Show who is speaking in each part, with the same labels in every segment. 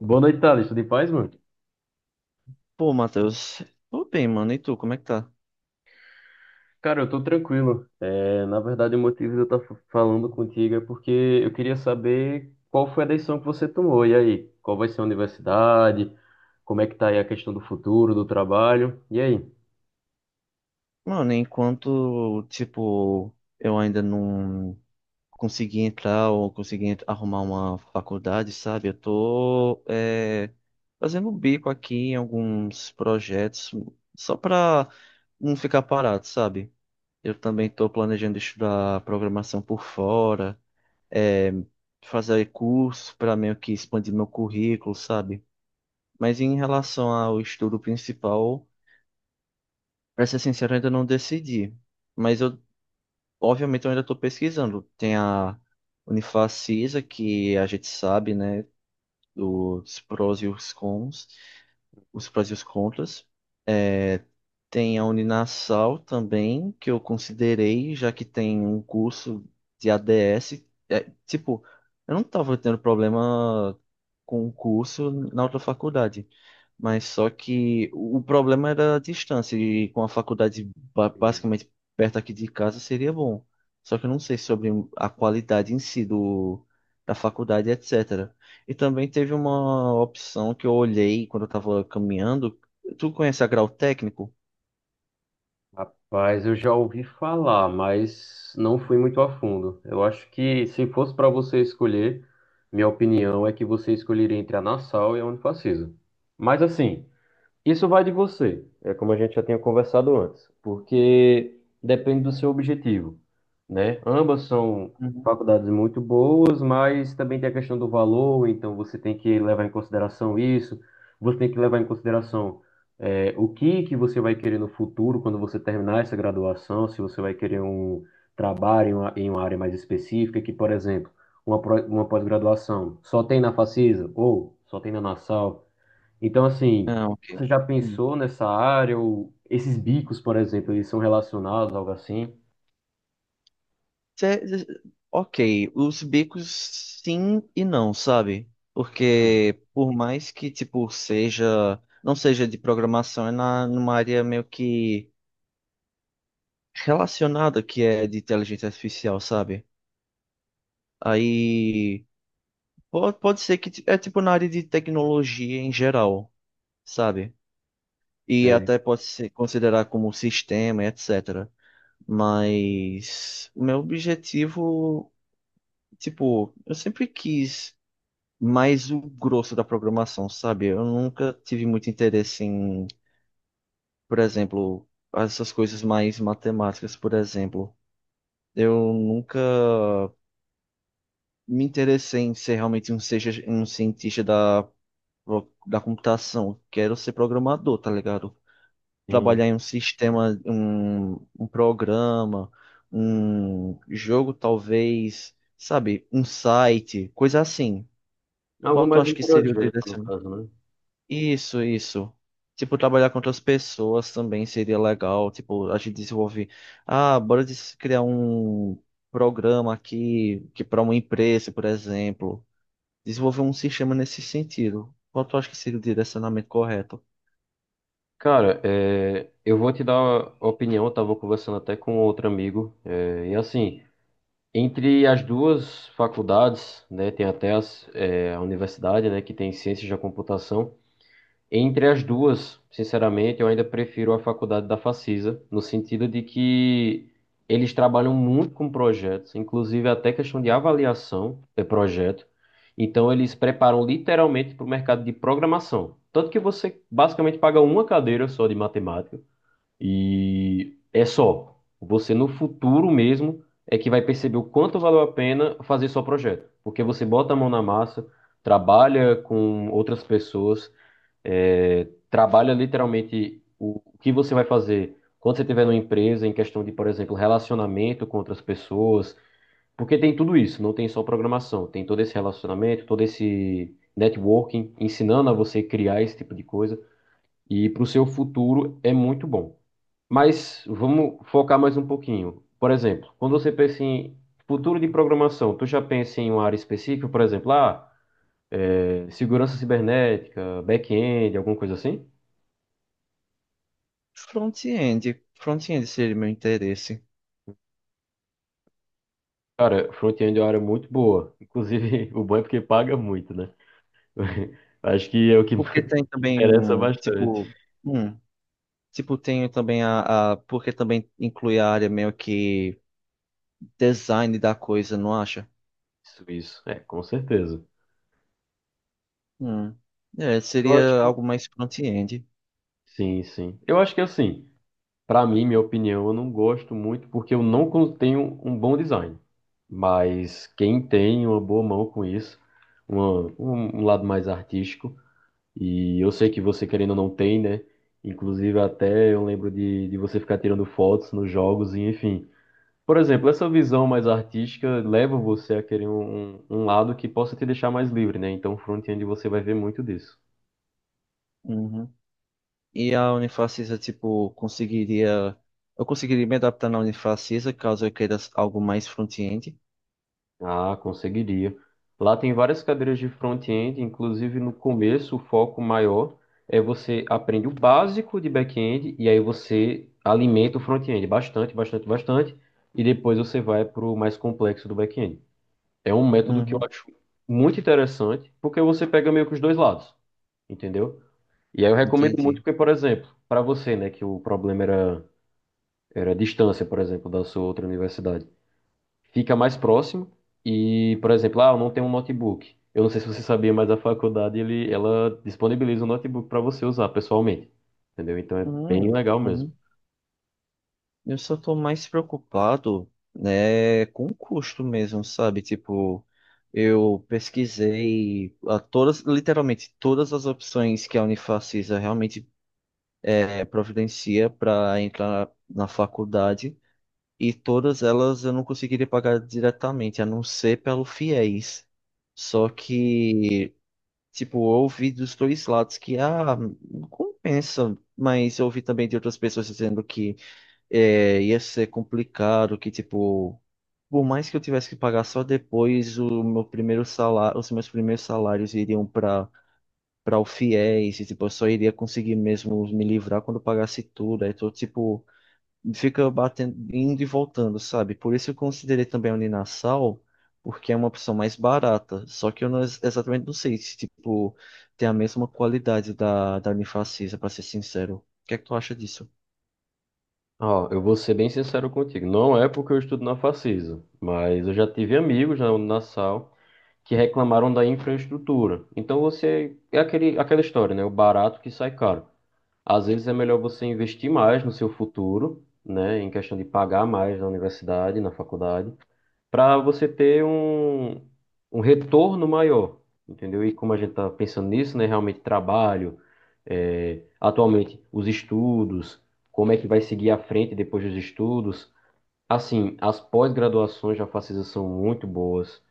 Speaker 1: Boa noite, Thales. Tudo em paz, mano?
Speaker 2: Pô, Matheus, tô bem, mano. E tu, como é que tá?
Speaker 1: Cara, eu tô tranquilo. Na verdade, o motivo de eu estar falando contigo é porque eu queria saber qual foi a decisão que você tomou. E aí, qual vai ser a universidade? Como é que tá aí a questão do futuro, do trabalho? E aí?
Speaker 2: Mano, enquanto, tipo, eu ainda não consegui entrar ou arrumar uma faculdade, sabe? Eu tô, fazendo um bico aqui em alguns projetos só pra não ficar parado, sabe? Eu também tô planejando estudar programação por fora, é, fazer cursos pra meio que expandir meu currículo, sabe? Mas em relação ao estudo principal. Pra ser sincero, eu ainda não decidi. Mas eu, obviamente, eu ainda tô pesquisando. Tem a Unifacisa, que a gente sabe, né? Os prós e os cons, os prós e os contras. Tem a Uninasal também, que eu considerei, já que tem um curso de ADS. É, tipo, eu não tava tendo problema com o curso na outra faculdade. Mas só que o problema era a distância, e com a faculdade
Speaker 1: Sim.
Speaker 2: basicamente perto aqui de casa seria bom. Só que eu não sei sobre a qualidade em si da faculdade, etc. E também teve uma opção que eu olhei quando eu estava caminhando. Tu conhece a grau técnico?
Speaker 1: Rapaz, eu já ouvi falar, mas não fui muito a fundo. Eu acho que se fosse para você escolher, minha opinião é que você escolheria entre a Nassau e a Unifacisa. Mas assim, isso vai de você, é como a gente já tinha conversado antes, porque depende do seu objetivo, né? Ambas são
Speaker 2: Uhum.
Speaker 1: faculdades muito boas, mas também tem a questão do valor, então você tem que levar em consideração isso, você tem que levar em consideração o que que você vai querer no futuro quando você terminar essa graduação, se você vai querer um trabalho em uma área mais específica, que, por exemplo, uma pós-graduação só tem na Facisa ou só tem na Nassau, então, assim,
Speaker 2: Ah, ok.
Speaker 1: você já
Speaker 2: Hum.
Speaker 1: pensou nessa área ou esses bicos, por exemplo, eles são relacionados, algo assim?
Speaker 2: Cê- cê- ok, os bicos sim e não, sabe? Porque por mais que tipo seja, não seja de programação, é numa área meio que relacionada que é de inteligência artificial, sabe? Aí pode ser que é tipo na área de tecnologia em geral, sabe? E
Speaker 1: É,
Speaker 2: até pode ser considerar como sistema, etc. Mas o meu objetivo, tipo, eu sempre quis mais o grosso da programação, sabe? Eu nunca tive muito interesse em, por exemplo, essas coisas mais matemáticas, por exemplo. Eu nunca me interessei em ser realmente um cientista da computação. Quero ser programador, tá ligado?
Speaker 1: sim.
Speaker 2: Trabalhar em um sistema, um programa, um jogo, talvez, sabe? Um site, coisa assim.
Speaker 1: Algo
Speaker 2: Qual tu
Speaker 1: mais
Speaker 2: acha
Speaker 1: um
Speaker 2: que seria o
Speaker 1: projeto,
Speaker 2: desse?
Speaker 1: no caso, né?
Speaker 2: Isso, isso. Tipo, trabalhar com outras pessoas também seria legal. Tipo, a gente desenvolve. Ah, criar um programa aqui que para uma empresa, por exemplo. Desenvolver um sistema nesse sentido. Qual tu acha que seria o direcionamento correto?
Speaker 1: Cara, eu vou te dar a opinião, eu tava conversando até com outro amigo, e assim, entre as duas faculdades, né, tem até as, é, a universidade, né, que tem ciências da computação, entre as duas, sinceramente, eu ainda prefiro a faculdade da Facisa, no sentido de que eles trabalham muito com projetos, inclusive até questão de avaliação de projeto. Então, eles preparam literalmente para o mercado de programação. Tanto que você basicamente paga uma cadeira só de matemática e é só. Você no futuro mesmo é que vai perceber o quanto valeu a pena fazer só projeto, porque você bota a mão na massa, trabalha com outras pessoas trabalha literalmente o que você vai fazer quando você estiver numa empresa, em questão de, por exemplo, relacionamento com outras pessoas, porque tem tudo isso, não tem só programação, tem todo esse relacionamento, todo esse networking, ensinando a você criar esse tipo de coisa, e para o seu futuro é muito bom. Mas vamos focar mais um pouquinho. Por exemplo, quando você pensa em futuro de programação, tu já pensa em uma área específica, por exemplo, ah, é, segurança cibernética, back-end, alguma coisa assim?
Speaker 2: Front-end. Front-end seria meu interesse.
Speaker 1: Cara, front-end é uma área muito boa. Inclusive, o bom é porque paga muito, né? Acho que é o que
Speaker 2: Porque tem também
Speaker 1: interessa bastante.
Speaker 2: hum, tem também a. Porque também inclui a área meio que design da coisa, não acha?
Speaker 1: Isso, isso. É, com certeza.
Speaker 2: Hum. É,
Speaker 1: Eu
Speaker 2: seria
Speaker 1: acho.
Speaker 2: algo mais front-end.
Speaker 1: Sim, sim. Eu acho que assim, pra mim, minha opinião, eu não gosto muito porque eu não con- tenho um bom design. Mas quem tem uma boa mão com isso, um lado mais artístico, e eu sei que você querendo ou não tem, né? Inclusive, até eu lembro de você ficar tirando fotos nos jogos, e enfim. Por exemplo, essa visão mais artística leva você a querer um lado que possa te deixar mais livre, né? Então, front-end você vai ver muito disso.
Speaker 2: Uhum. E a Unifacisa, tipo, conseguiria. Eu conseguiria me adaptar na Unifacisa caso eu queira algo mais front-end.
Speaker 1: Ah, conseguiria. Lá tem várias cadeiras de front-end, inclusive no começo o foco maior é você aprende o básico de back-end e aí você alimenta o front-end bastante, bastante, bastante e depois você vai para o mais complexo do back-end. É um método que eu
Speaker 2: Uhum.
Speaker 1: acho muito interessante porque você pega meio que os dois lados, entendeu? E aí eu recomendo muito
Speaker 2: Entendi.
Speaker 1: porque, por exemplo, para você, né, que o problema era, era a distância, por exemplo, da sua outra universidade, fica mais próximo e, por exemplo, ah, eu não tenho um notebook. Eu não sei se você sabia, mas a faculdade, ela disponibiliza um notebook para você usar pessoalmente, entendeu? Então é bem
Speaker 2: Uhum.
Speaker 1: legal mesmo.
Speaker 2: Uhum. Eu só tô mais preocupado, né, com o custo mesmo, sabe? Tipo, eu pesquisei a todas, literalmente todas as opções que a Unifacisa realmente providencia para entrar na faculdade. E todas elas eu não conseguiria pagar diretamente, a não ser pelo fiéis. Só que, tipo, eu ouvi dos dois lados que, ah, não compensa. Mas eu ouvi também de outras pessoas dizendo que ia ser complicado, que, tipo, por mais que eu tivesse que pagar só depois, o meu primeiro salário, os meus primeiros salários iriam para o fiéis, e, tipo, eu só iria conseguir mesmo me livrar quando eu pagasse tudo. Aí tô, tipo, fica batendo, indo e voltando, sabe? Por isso eu considerei também a Uninasal, porque é uma opção mais barata. Só que eu não, exatamente não sei se, tipo, tem a mesma qualidade da Unifacisa, pra ser sincero. O que é que tu acha disso?
Speaker 1: Ó, eu vou ser bem sincero contigo. Não é porque eu estudo na Facisa, mas eu já tive amigos na Unassal que reclamaram da infraestrutura. Então você é aquela história, né? O barato que sai caro. Às vezes é melhor você investir mais no seu futuro, né, em questão de pagar mais na universidade, na faculdade, para você ter um retorno maior, entendeu? E como a gente está pensando nisso, né, realmente trabalho, atualmente os estudos, como é que vai seguir à frente depois dos estudos. Assim, as pós-graduações já facilitam, são muito boas.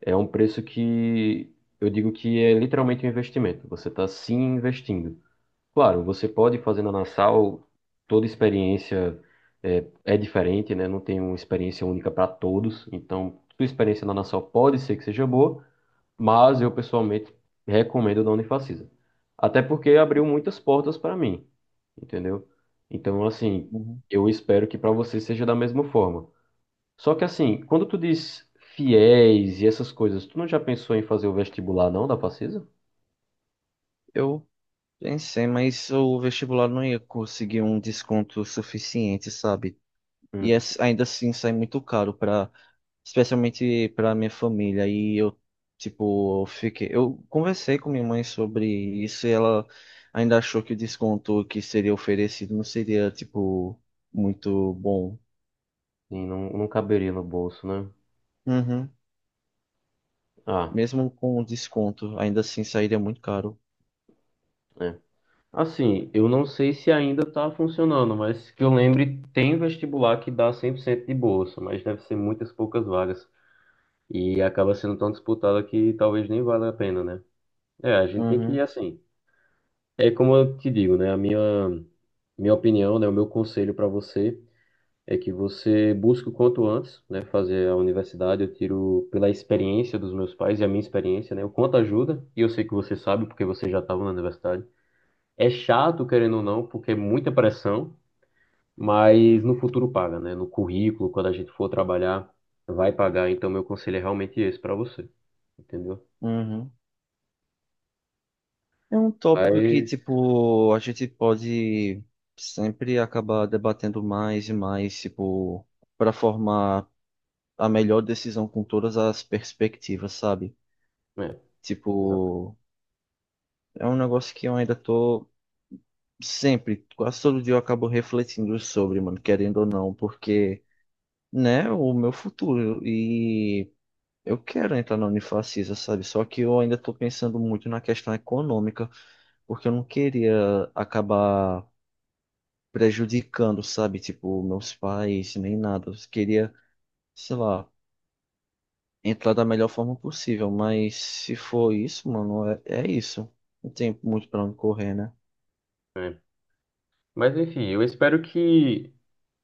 Speaker 1: É um preço que eu digo que é literalmente um investimento. Você está se investindo. Claro, você pode fazer na Nassau, toda experiência é diferente, né? Não tem uma experiência única para todos. Então, sua experiência na Nassau pode ser que seja boa, mas eu pessoalmente recomendo da Unifacisa. Até porque abriu muitas portas para mim, entendeu? Então, assim,
Speaker 2: Uhum.
Speaker 1: eu espero que para você seja da mesma forma. Só que, assim, quando tu diz fiéis e essas coisas, tu não já pensou em fazer o vestibular, não, da Facisa?
Speaker 2: Eu pensei, mas o vestibular não ia conseguir um desconto suficiente, sabe?
Speaker 1: Hum,
Speaker 2: Ainda assim sai muito caro para, especialmente para minha família. E eu, tipo, eu conversei com minha mãe sobre isso e ela ainda achou que o desconto que seria oferecido não seria, tipo, muito bom.
Speaker 1: sim, não, não caberia no bolso, né?
Speaker 2: Uhum.
Speaker 1: Ah.
Speaker 2: Mesmo com o desconto, ainda assim sairia muito caro.
Speaker 1: É. Assim, eu não sei se ainda está funcionando, mas que eu lembre, tem vestibular que dá 100% de bolsa, mas deve ser muitas poucas vagas. E acaba sendo tão disputada que talvez nem valha a pena, né? É, a gente tem que ir
Speaker 2: Uhum.
Speaker 1: assim. É como eu te digo, né? Minha opinião, né? O meu conselho para você é que você busque o quanto antes, né? Fazer a universidade. Eu tiro pela experiência dos meus pais e a minha experiência, né? O quanto ajuda, e eu sei que você sabe, porque você já estava na universidade. É chato, querendo ou não, porque é muita pressão. Mas no futuro paga, né? No currículo, quando a gente for trabalhar, vai pagar. Então, meu conselho é realmente esse para você, entendeu?
Speaker 2: Uhum. É um tópico que,
Speaker 1: Mas,
Speaker 2: tipo, a gente pode sempre acabar debatendo mais e mais, tipo, para formar a melhor decisão com todas as perspectivas, sabe?
Speaker 1: é,
Speaker 2: Tipo,
Speaker 1: exato,
Speaker 2: é um negócio que eu ainda tô sempre, quase todo dia eu acabo refletindo sobre, mano, querendo ou não, porque, né, o meu futuro e eu quero entrar na Unifacisa, sabe? Só que eu ainda tô pensando muito na questão econômica, porque eu não queria acabar prejudicando, sabe? Tipo, meus pais, nem nada. Eu queria, sei lá, entrar da melhor forma possível, mas se for isso, mano, é, é isso. Não tem muito pra onde correr, né?
Speaker 1: é. Mas enfim, eu espero que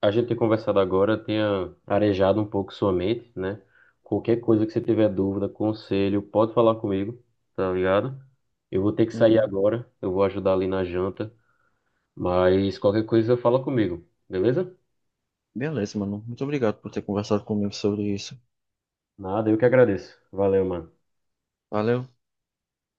Speaker 1: a gente ter conversado agora tenha arejado um pouco sua mente, né? Qualquer coisa que você tiver dúvida, conselho, pode falar comigo, tá ligado? Eu vou ter que sair
Speaker 2: Uhum.
Speaker 1: agora, eu vou ajudar ali na janta, mas qualquer coisa fala comigo, beleza?
Speaker 2: Beleza, mano. Muito obrigado por ter conversado comigo sobre isso.
Speaker 1: Nada, eu que agradeço. Valeu, mano.
Speaker 2: Valeu.